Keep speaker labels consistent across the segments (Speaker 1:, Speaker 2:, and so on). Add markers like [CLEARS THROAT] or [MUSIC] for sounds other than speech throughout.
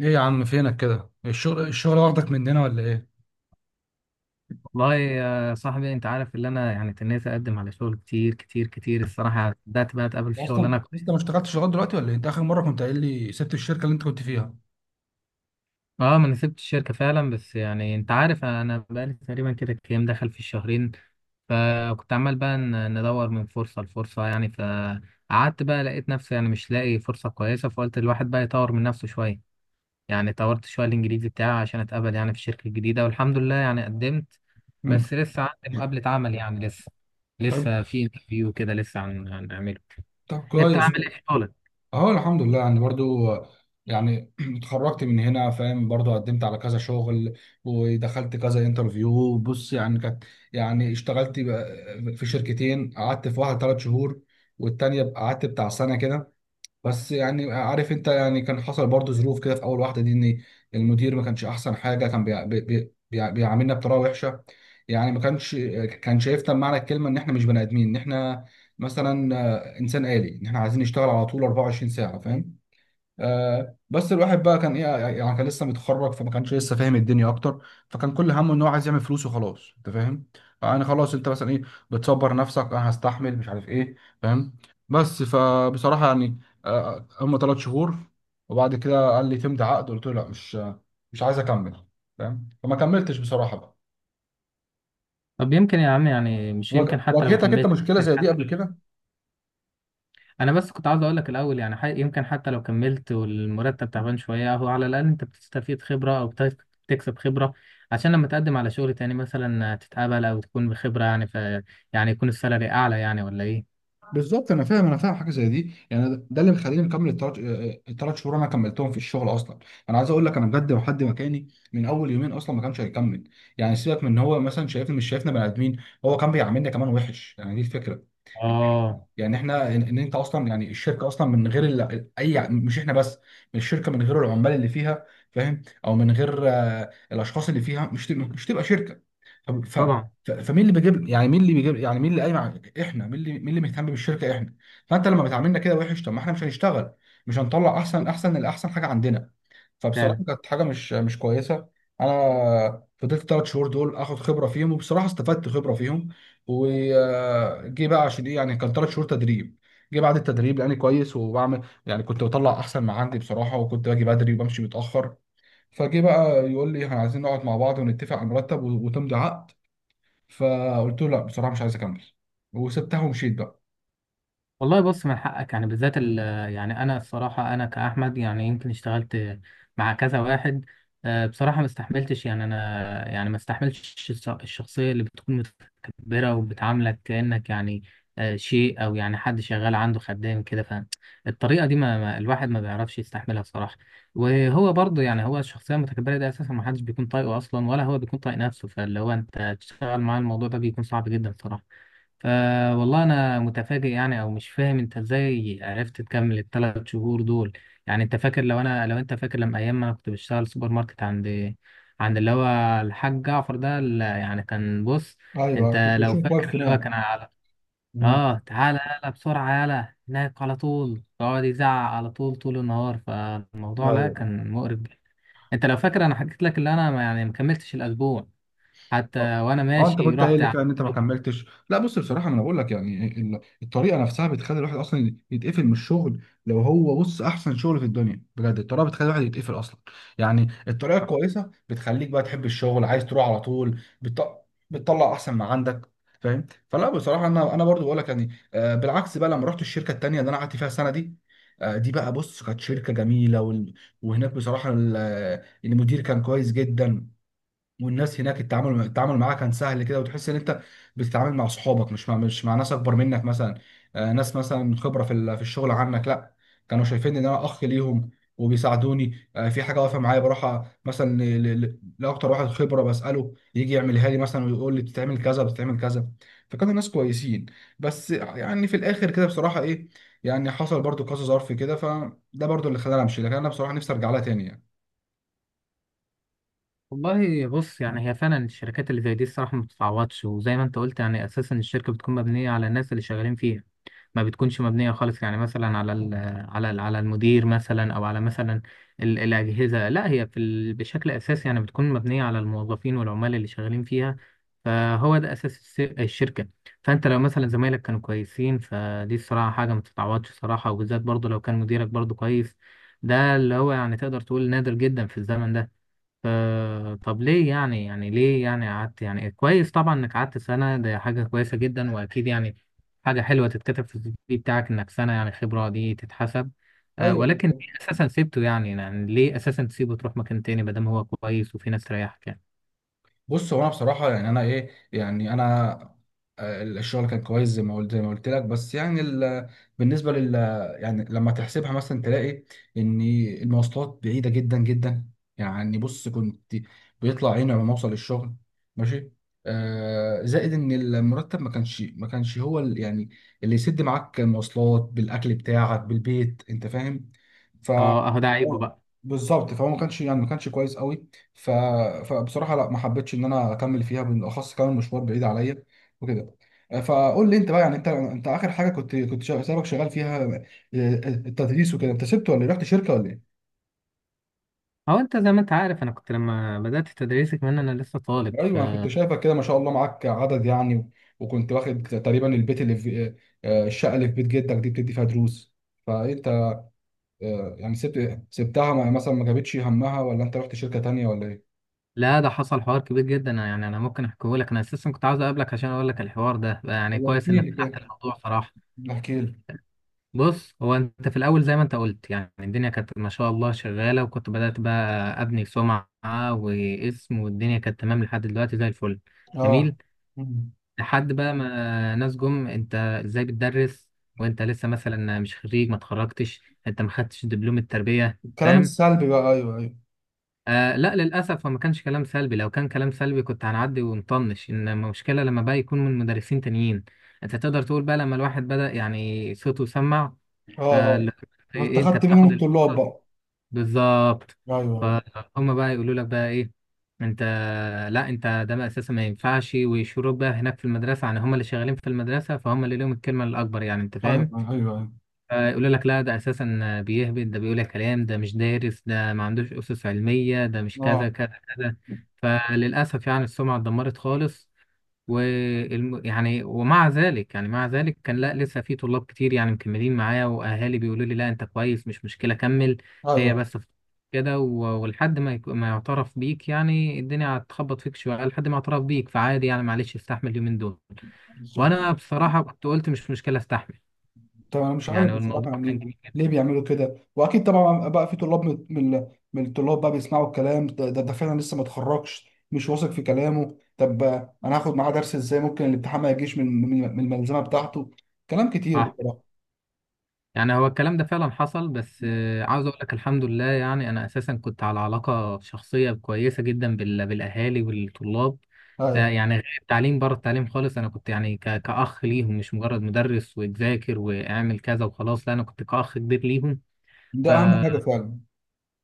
Speaker 1: ايه يا عم فينك كده؟ الشغل الشغل واخدك مننا ولا ايه؟
Speaker 2: والله يا صاحبي، انت عارف اللي انا يعني تنيت اقدم على شغل كتير كتير كتير. الصراحه بدات بقى اتقابل
Speaker 1: يا
Speaker 2: في شغل.
Speaker 1: اصلا لسه ما اشتغلتش لغايه دلوقتي ولا إيه؟ انت اخر مره كنت قايل لي سبت الشركه اللي انت كنت فيها.
Speaker 2: اه، ما انا سبت الشركه فعلا. بس يعني انت عارف انا بقالي تقريبا كده كام دخل في الشهرين. فكنت عمال بقى ندور من فرصه لفرصه، يعني. فقعدت بقى، لقيت نفسي يعني مش لاقي فرصه كويسه، فقلت الواحد بقى يطور من نفسه شويه. يعني طورت شويه الانجليزي بتاعي عشان اتقبل يعني في الشركه الجديده، والحمد لله يعني قدمت.
Speaker 1: مم.
Speaker 2: بس لسه عندي مقابله عمل، يعني لسه
Speaker 1: طيب.
Speaker 2: لسه في انترفيو كده، لسه هنعمله.
Speaker 1: طب
Speaker 2: انت
Speaker 1: كويس.
Speaker 2: عامل ايه في شغلك؟
Speaker 1: اهو الحمد لله يعني برضو. يعني [CLEARS THROAT] اتخرجت من هنا، فاهم، برضو قدمت على كذا شغل ودخلت كذا انترفيو. بص، يعني كانت، يعني اشتغلت بقى في شركتين. قعدت في واحده 3 شهور والتانيه قعدت بتاع سنه كده. بس يعني عارف انت، يعني كان حصل برضو ظروف كده في اول واحده دي، ان المدير ما كانش احسن حاجه. كان بيعاملنا بطريقه وحشه. يعني ما كانش، كان شايفنا بمعنى الكلمه ان احنا مش بني ادمين، ان احنا مثلا انسان آلي، ان احنا عايزين نشتغل على طول 24 ساعه، فاهم. بس الواحد بقى كان ايه، يعني كان لسه متخرج فما كانش لسه فاهم الدنيا اكتر، فكان كل همه ان هو عايز يعمل فلوس وخلاص، انت فاهم. يعني خلاص انت مثلا ايه، بتصبر نفسك انا هستحمل مش عارف ايه، فاهم. بس فبصراحه يعني، هم 3 شهور. وبعد كده قال لي تمضي عقد، قلت له لا، مش عايز اكمل، فاهم. فما كملتش بصراحه بقى.
Speaker 2: طب يمكن يا عم، يعني مش يمكن حتى لو
Speaker 1: واجهتك انت
Speaker 2: كملت،
Speaker 1: مشكله
Speaker 2: يمكن
Speaker 1: زي دي قبل
Speaker 2: حتى...
Speaker 1: كده؟
Speaker 2: انا بس كنت عاوز اقول لك الاول، يعني يمكن حتى لو كملت والمرتب تعبان شويه، هو على الاقل انت بتستفيد خبره، او بتكسب خبره. عشان لما تقدم على شغل تاني مثلا تتقبل، او تكون بخبره، يعني ف يعني يكون السالري اعلى، يعني ولا ايه؟
Speaker 1: بالظبط، انا فاهم انا فاهم حاجه زي دي. يعني ده اللي مخليني مكمل التلات، التلات شهور انا كملتهم في الشغل اصلا. انا عايز اقول لك، انا بجد لو حد مكاني من اول يومين اصلا ما كانش هيكمل. يعني سيبك من ان هو مثلا شايفني، مش شايفنا بني ادمين، هو كان بيعاملنا كمان وحش، يعني دي الفكره.
Speaker 2: اه
Speaker 1: يعني احنا ان انت اصلا يعني الشركه اصلا من غير اي مش احنا بس، من الشركه من غير العمال اللي فيها، فاهم، او من غير الاشخاص اللي فيها مش تبقى شركه. طب
Speaker 2: طبعا
Speaker 1: فمين اللي بيجيب، يعني مين اللي بيجيب، يعني مين اللي احنا مين اللي مين اللي مهتم بالشركه؟ احنا. فانت لما بتعاملنا كده وحش، طب ما احنا مش هنشتغل، مش هنطلع احسن، الاحسن حاجه عندنا. فبصراحه
Speaker 2: فعلا.
Speaker 1: كانت حاجه مش كويسه. انا فضلت 3 شهور دول اخد خبره فيهم، وبصراحه استفدت خبره فيهم، وجي بقى عشان ايه، يعني كان 3 شهور تدريب. جه بعد التدريب لاني كويس وبعمل، يعني كنت بطلع احسن ما عندي بصراحه، وكنت باجي بدري وبمشي متاخر. فجه بقى يقول لي احنا عايزين نقعد مع بعض ونتفق على مرتب وتمضي عقد. فقلت له لا، بصراحه مش عايز اكمل، وسبتها ومشيت بقى.
Speaker 2: والله بص، من حقك يعني، بالذات يعني انا الصراحه، انا كاحمد يعني، يمكن اشتغلت مع كذا واحد. بصراحه ما استحملتش، يعني انا يعني ما استحملتش الشخصيه اللي بتكون متكبره وبتعاملك كانك يعني شيء، او يعني حد شغال عنده خدام كده. فالطريقه دي الواحد ما بيعرفش يستحملها الصراحه. وهو برضه، يعني هو الشخصيه المتكبره دي اساسا ما حدش بيكون طايقه اصلا، ولا هو بيكون طايق نفسه. فاللي هو انت تشتغل معاه الموضوع ده بيكون صعب جدا صراحه. فوالله انا متفاجئ يعني، او مش فاهم انت ازاي عرفت تكمل الثلاث شهور دول. يعني انت فاكر، لو انت فاكر لما ايام ما انا كنت بشتغل سوبر ماركت عند اللي هو الحاج جعفر ده، اللي يعني كان، بص.
Speaker 1: ايوه، كنت
Speaker 2: انت لو
Speaker 1: بشوف
Speaker 2: فاكر
Speaker 1: واقف
Speaker 2: اللي هو
Speaker 1: هناك.
Speaker 2: كان على،
Speaker 1: مم.
Speaker 2: اه تعالى يلا بسرعة يلا هناك على طول، يقعد يزعق على طول، طول النهار. فالموضوع لا،
Speaker 1: ايوه.
Speaker 2: كان مقرف جدا. انت لو فاكر، انا حكيت لك اللي انا يعني ما كملتش الاسبوع
Speaker 1: اه.
Speaker 2: حتى، وانا
Speaker 1: انت
Speaker 2: ماشي
Speaker 1: كنت قايل
Speaker 2: رحت.
Speaker 1: لي فعلا ان انت ما كملتش. لا، بص بصراحه، ما انا بقول لك يعني الطريقه نفسها بتخلي الواحد اصلا يتقفل من الشغل، لو هو بص احسن شغل في الدنيا، بجد الطريقه بتخلي الواحد يتقفل اصلا. يعني الطريقه الكويسه بتخليك بقى تحب الشغل، عايز تروح على طول، بتطلع احسن ما عندك، فاهم. فلا بصراحه، انا برضو بقول لك يعني، بالعكس بقى لما رحت الشركه التانيه اللي انا قعدت فيها السنه دي. دي بقى بص كانت شركه جميله وهناك بصراحه المدير كان كويس جدا. والناس هناك التعامل، معاها كان سهل كده، وتحس ان انت بتتعامل مع صحابك، مش مع ناس اكبر منك مثلا، ناس مثلا من خبره في الشغل عنك. لا، كانوا شايفين ان انا اخ ليهم، وبيساعدوني، في حاجه واقفه معايا بروح مثلا لاكتر واحد خبره بساله يجي يعملها لي مثلا ويقول لي بتتعمل كذا بتتعمل كذا. فكانوا ناس كويسين. بس يعني في الاخر كده بصراحه ايه، يعني حصل برضو كذا ظرف كده فده برضو اللي خلاني امشي. لكن انا بصراحه نفسي ارجع لها تاني يعني.
Speaker 2: والله بص، يعني هي فعلا الشركات اللي زي دي الصراحة ما بتتعوضش. وزي ما انت قلت يعني، اساسا الشركة بتكون مبنية على الناس اللي شغالين فيها. ما بتكونش مبنية خالص، يعني مثلا على ال على ال على المدير مثلا، او على مثلا الأجهزة. لا هي في ال بشكل اساسي يعني بتكون مبنية على الموظفين والعمال اللي شغالين فيها. فهو ده اساس الشركة. فانت لو مثلا زمايلك كانوا كويسين، فدي الصراحة حاجة ما تتعوضش، صراحة. وبالذات برضه لو كان مديرك برضه كويس، ده اللي هو يعني تقدر تقول نادر جدا في الزمن ده. طب ليه يعني ليه يعني قعدت. يعني كويس طبعا انك قعدت سنة، ده حاجة كويسة جدا. واكيد يعني حاجة حلوة تتكتب في السي في بتاعك انك سنة يعني، خبرة دي تتحسب. ولكن
Speaker 1: ايوه.
Speaker 2: ليه اساسا سيبته يعني يعني ليه اساسا تسيبه تروح مكان تاني ما دام هو كويس وفي ناس تريحك، يعني؟
Speaker 1: بص، هو انا بصراحه يعني، انا ايه يعني انا، الشغل كان كويس زي ما قلت لك. بس يعني بالنسبه لل، يعني لما تحسبها مثلا تلاقي ان المواصلات بعيده جدا جدا، يعني بص كنت بيطلع عيني لما اوصل للشغل ماشي. آه، زائد ان المرتب ما كانش هو يعني اللي يسد معاك المواصلات بالاكل بتاعك بالبيت، انت فاهم. ف
Speaker 2: اه، اهو ده عيبه بقى.
Speaker 1: بالظبط، فهو ما كانش يعني ما كانش كويس قوي. ف... فبصراحه لا، ما حبيتش ان انا اكمل فيها، بالاخص كمان مشوار بعيد عليا وكده. فقول لي انت بقى، يعني انت اخر حاجه كنت سابك شغال فيها، التدريس وكده، انت سبت ولا إيه؟ رحت شركه ولا ايه؟
Speaker 2: هو انت زي ما انت عارف، انا كنت لما بدأت تدريسي كمان انا لسه طالب،
Speaker 1: ايوه، انا كنت
Speaker 2: فلا.
Speaker 1: شايفك كده، ما شاء الله معاك عدد يعني وكنت واخد تقريبا البيت اللي في، الشقه اللي في بيت جدك دي بتدي فيها دروس. فانت، يعني سبت سبتها مثلا ما جابتش همها، ولا انت رحت شركه تانيه ولا ايه؟
Speaker 2: ده حصل حوار كبير جدا، يعني انا ممكن احكيه لك. انا اساسا كنت عاوز اقابلك عشان اقول لك الحوار ده. يعني كويس
Speaker 1: احكي
Speaker 2: انك
Speaker 1: لي
Speaker 2: فتحت
Speaker 1: كده،
Speaker 2: الموضوع صراحة.
Speaker 1: احكي لي.
Speaker 2: بص، هو انت في الاول زي ما انت قلت، يعني الدنيا كانت ما شاء الله شغاله، وكنت بدات بقى ابني سمعه واسم. والدنيا كانت تمام لحد دلوقتي زي الفل،
Speaker 1: اه،
Speaker 2: جميل. لحد بقى ما ناس جم: انت ازاي بتدرس وانت لسه مثلا مش خريج؟ ما اتخرجتش، انت ما خدتش دبلوم التربيه،
Speaker 1: الكلام
Speaker 2: فاهم؟
Speaker 1: السلبي بقى، ايوه ايوه.
Speaker 2: لا للاسف، هو ما كانش كلام سلبي. لو كان كلام سلبي كنت هنعدي ونطنش. ان المشكله لما بقى يكون من مدرسين تانيين، انت تقدر تقول بقى، لما الواحد بدا يعني صوته سمع.
Speaker 1: اه. اه،
Speaker 2: فاللي هو
Speaker 1: انت
Speaker 2: انت
Speaker 1: خدت منهم
Speaker 2: بتاخد
Speaker 1: الطلاب
Speaker 2: الفرص.
Speaker 1: بقى.
Speaker 2: بالظبط.
Speaker 1: ايوه
Speaker 2: فهم بقى يقولوا لك بقى ايه، انت، لا انت، ده بقى اساسا ما ينفعش. ويشوروك بقى هناك في المدرسه، يعني هم اللي شغالين في المدرسه، فهم اللي لهم الكلمه الاكبر، يعني انت
Speaker 1: ايوه
Speaker 2: فاهم.
Speaker 1: ايوه ايوه أيوه.
Speaker 2: يقول لك لا، ده اساسا بيهبد، ده بيقول كلام، ده مش دارس، ده ما عندوش اسس علميه، ده مش كذا
Speaker 1: اه.
Speaker 2: كذا كذا. فللاسف يعني السمعه اتدمرت خالص. يعني ومع ذلك يعني مع ذلك كان لا، لسه في طلاب كتير يعني مكملين معايا، واهالي بيقولوا لي لا انت كويس، مش مشكله كمل. هي
Speaker 1: ايوه
Speaker 2: بس كده، ولحد ما ما يعترف بيك. يعني الدنيا هتخبط فيك شويه لحد ما يعترف بيك، فعادي يعني. معلش استحمل اليومين دول.
Speaker 1: بالظبط.
Speaker 2: وانا بصراحه كنت قلت مش مشكله استحمل.
Speaker 1: طب انا مش عارف
Speaker 2: يعني
Speaker 1: بصراحه
Speaker 2: الموضوع كان
Speaker 1: يعني،
Speaker 2: جميل جدا.
Speaker 1: ليه بيعملوا كده؟ واكيد طبعا بقى في طلاب من الطلاب بقى بيسمعوا الكلام ده ده فعلا لسه ما اتخرجش مش واثق في كلامه، طب انا هاخد معاه درس ازاي؟ ممكن الامتحان ما يجيش من الملزمه بتاعته. كلام كتير
Speaker 2: صح.
Speaker 1: بصراحه.
Speaker 2: يعني هو الكلام ده فعلا حصل، بس عاوز اقول لك الحمد لله، يعني انا اساسا كنت على علاقه شخصيه كويسه جدا بالاهالي والطلاب.
Speaker 1: ايوه،
Speaker 2: يعني غير التعليم، بره التعليم خالص، انا كنت يعني كاخ ليهم، مش مجرد مدرس وذاكر واعمل كذا وخلاص. لا انا كنت كاخ كبير ليهم. ف...
Speaker 1: ده اهم حاجه فعلا.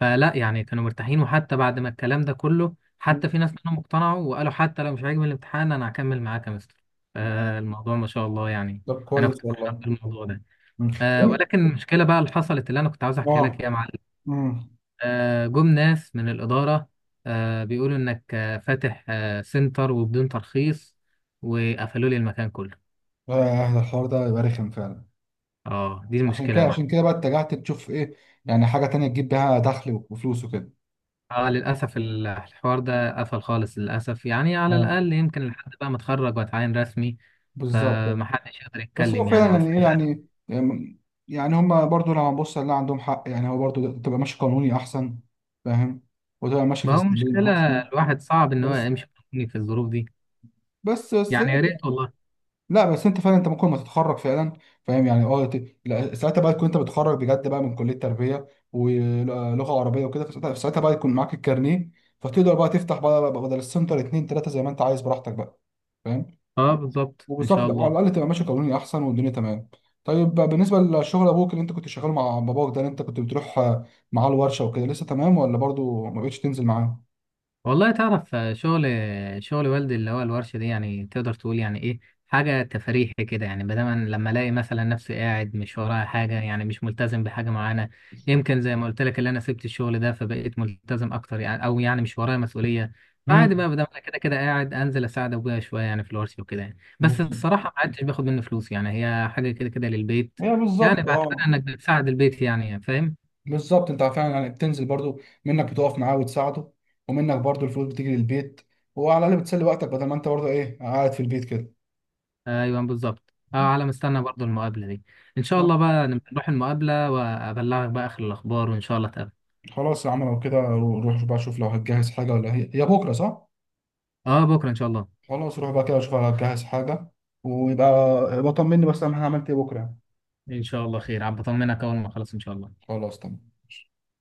Speaker 2: فلا يعني كانوا مرتاحين. وحتى بعد ما الكلام ده كله، حتى في ناس كانوا مقتنعوا وقالوا حتى لو مش عاجبني الامتحان انا هكمل معاك يا مستر. فالموضوع ما شاء الله يعني،
Speaker 1: طب
Speaker 2: انا كنت
Speaker 1: كويس
Speaker 2: فرحان
Speaker 1: والله.
Speaker 2: بالموضوع ده.
Speaker 1: مم.
Speaker 2: ولكن المشكلة بقى اللي حصلت، اللي أنا كنت عاوز أحكيها لك،
Speaker 1: اه.
Speaker 2: إيه يا معلم.
Speaker 1: امم
Speaker 2: جم ناس من الإدارة بيقولوا إنك فاتح سنتر وبدون ترخيص، وقفلوا لي المكان كله.
Speaker 1: الحوار ده يبقى رخم فعلا.
Speaker 2: اه دي المشكلة يا
Speaker 1: عشان
Speaker 2: معلم.
Speaker 1: كده بقى اتجهت تشوف ايه، يعني حاجه تانية تجيب بيها دخل وفلوس وكده.
Speaker 2: اه للأسف الحوار ده قفل خالص للأسف. يعني على
Speaker 1: اه
Speaker 2: الأقل يمكن لحد بقى ما أتخرج وأتعين رسمي،
Speaker 1: بالظبط.
Speaker 2: فمحدش يقدر
Speaker 1: بس
Speaker 2: يتكلم
Speaker 1: هو
Speaker 2: يعني. بس
Speaker 1: فعلا يعني ايه
Speaker 2: للأسف.
Speaker 1: يعني، يعني هما برضو لو هنبص لا عندهم حق، يعني هو برضو تبقى ماشي قانوني احسن، فاهم، وتبقى ماشي في
Speaker 2: ما هو
Speaker 1: السليم
Speaker 2: مشكلة،
Speaker 1: احسن.
Speaker 2: الواحد صعب إن هو
Speaker 1: بس
Speaker 2: يمشي في الظروف دي،
Speaker 1: بس بس
Speaker 2: يعني يا ريت والله.
Speaker 1: لا، بس انت فعلا انت ممكن ما تتخرج فعلا، فاهم يعني. اه لا، ساعتها بقى تكون انت بتخرج بجد بقى من كليه تربيه ولغه عربيه وكده، فساعتها، بقى يكون معاك الكارنيه، فتقدر بقى تفتح بقى بدل السنتر اتنين تلاته زي ما انت عايز براحتك بقى، فاهم.
Speaker 2: اه بالظبط إن
Speaker 1: وبالظبط
Speaker 2: شاء
Speaker 1: تبقى على
Speaker 2: الله.
Speaker 1: الاقل تبقى ماشي قانوني احسن، والدنيا تمام. طيب بالنسبه لشغل ابوك، اللي انت كنت شغال مع باباك ده، اللي انت كنت بتروح معاه الورشه وكده، لسه تمام ولا برضو ما بقتش تنزل معاه؟
Speaker 2: والله تعرف، شغل والدي اللي هو الورشة دي، يعني تقدر تقول يعني ايه، حاجة تفريحي كده. يعني بدل لما الاقي مثلا نفسي قاعد مش ورايا حاجة، يعني مش ملتزم بحاجة معينة. يمكن زي ما قلت لك، اللي انا سبت الشغل ده، فبقيت ملتزم اكتر يعني، او يعني مش ورايا مسؤولية.
Speaker 1: مم.
Speaker 2: فعادي بقى، بدل ما انا كده كده قاعد، انزل اساعد ابويا شوية يعني في الورشة وكده، يعني بس
Speaker 1: بص-
Speaker 2: الصراحة ما عدتش باخد منه فلوس. يعني هي حاجة كده كده للبيت،
Speaker 1: هي
Speaker 2: يعني
Speaker 1: بالظبط،
Speaker 2: بعتبرها
Speaker 1: اه
Speaker 2: انك بتساعد البيت، يعني فاهم.
Speaker 1: بالظبط، انت فعلا يعني بتنزل برضو، منك بتقف معاه وتساعده، ومنك برضو الفلوس بتيجي للبيت، وعلى الاقل بتسلي وقتك بدل ما انت برضو ايه قاعد في البيت كده.
Speaker 2: ايوه بالظبط. اه، على مستنى برضو المقابله دي. ان شاء
Speaker 1: صح.
Speaker 2: الله بقى نبقى نروح المقابله وابلغك بقى اخر الاخبار، وان شاء الله تقابل.
Speaker 1: خلاص يا عم، لو كده روح بقى شوف لو هتجهز حاجه، ولا هي هي بكره، صح؟
Speaker 2: اه بكره ان شاء الله.
Speaker 1: خلاص روح بقى كده اشوف اجهز حاجة. ويبقى بطمني بس انا عملت ايه بكرة يعني.
Speaker 2: ان شاء الله خير، عم، بطمنك اول ما اخلص ان شاء الله.
Speaker 1: خلاص تمام.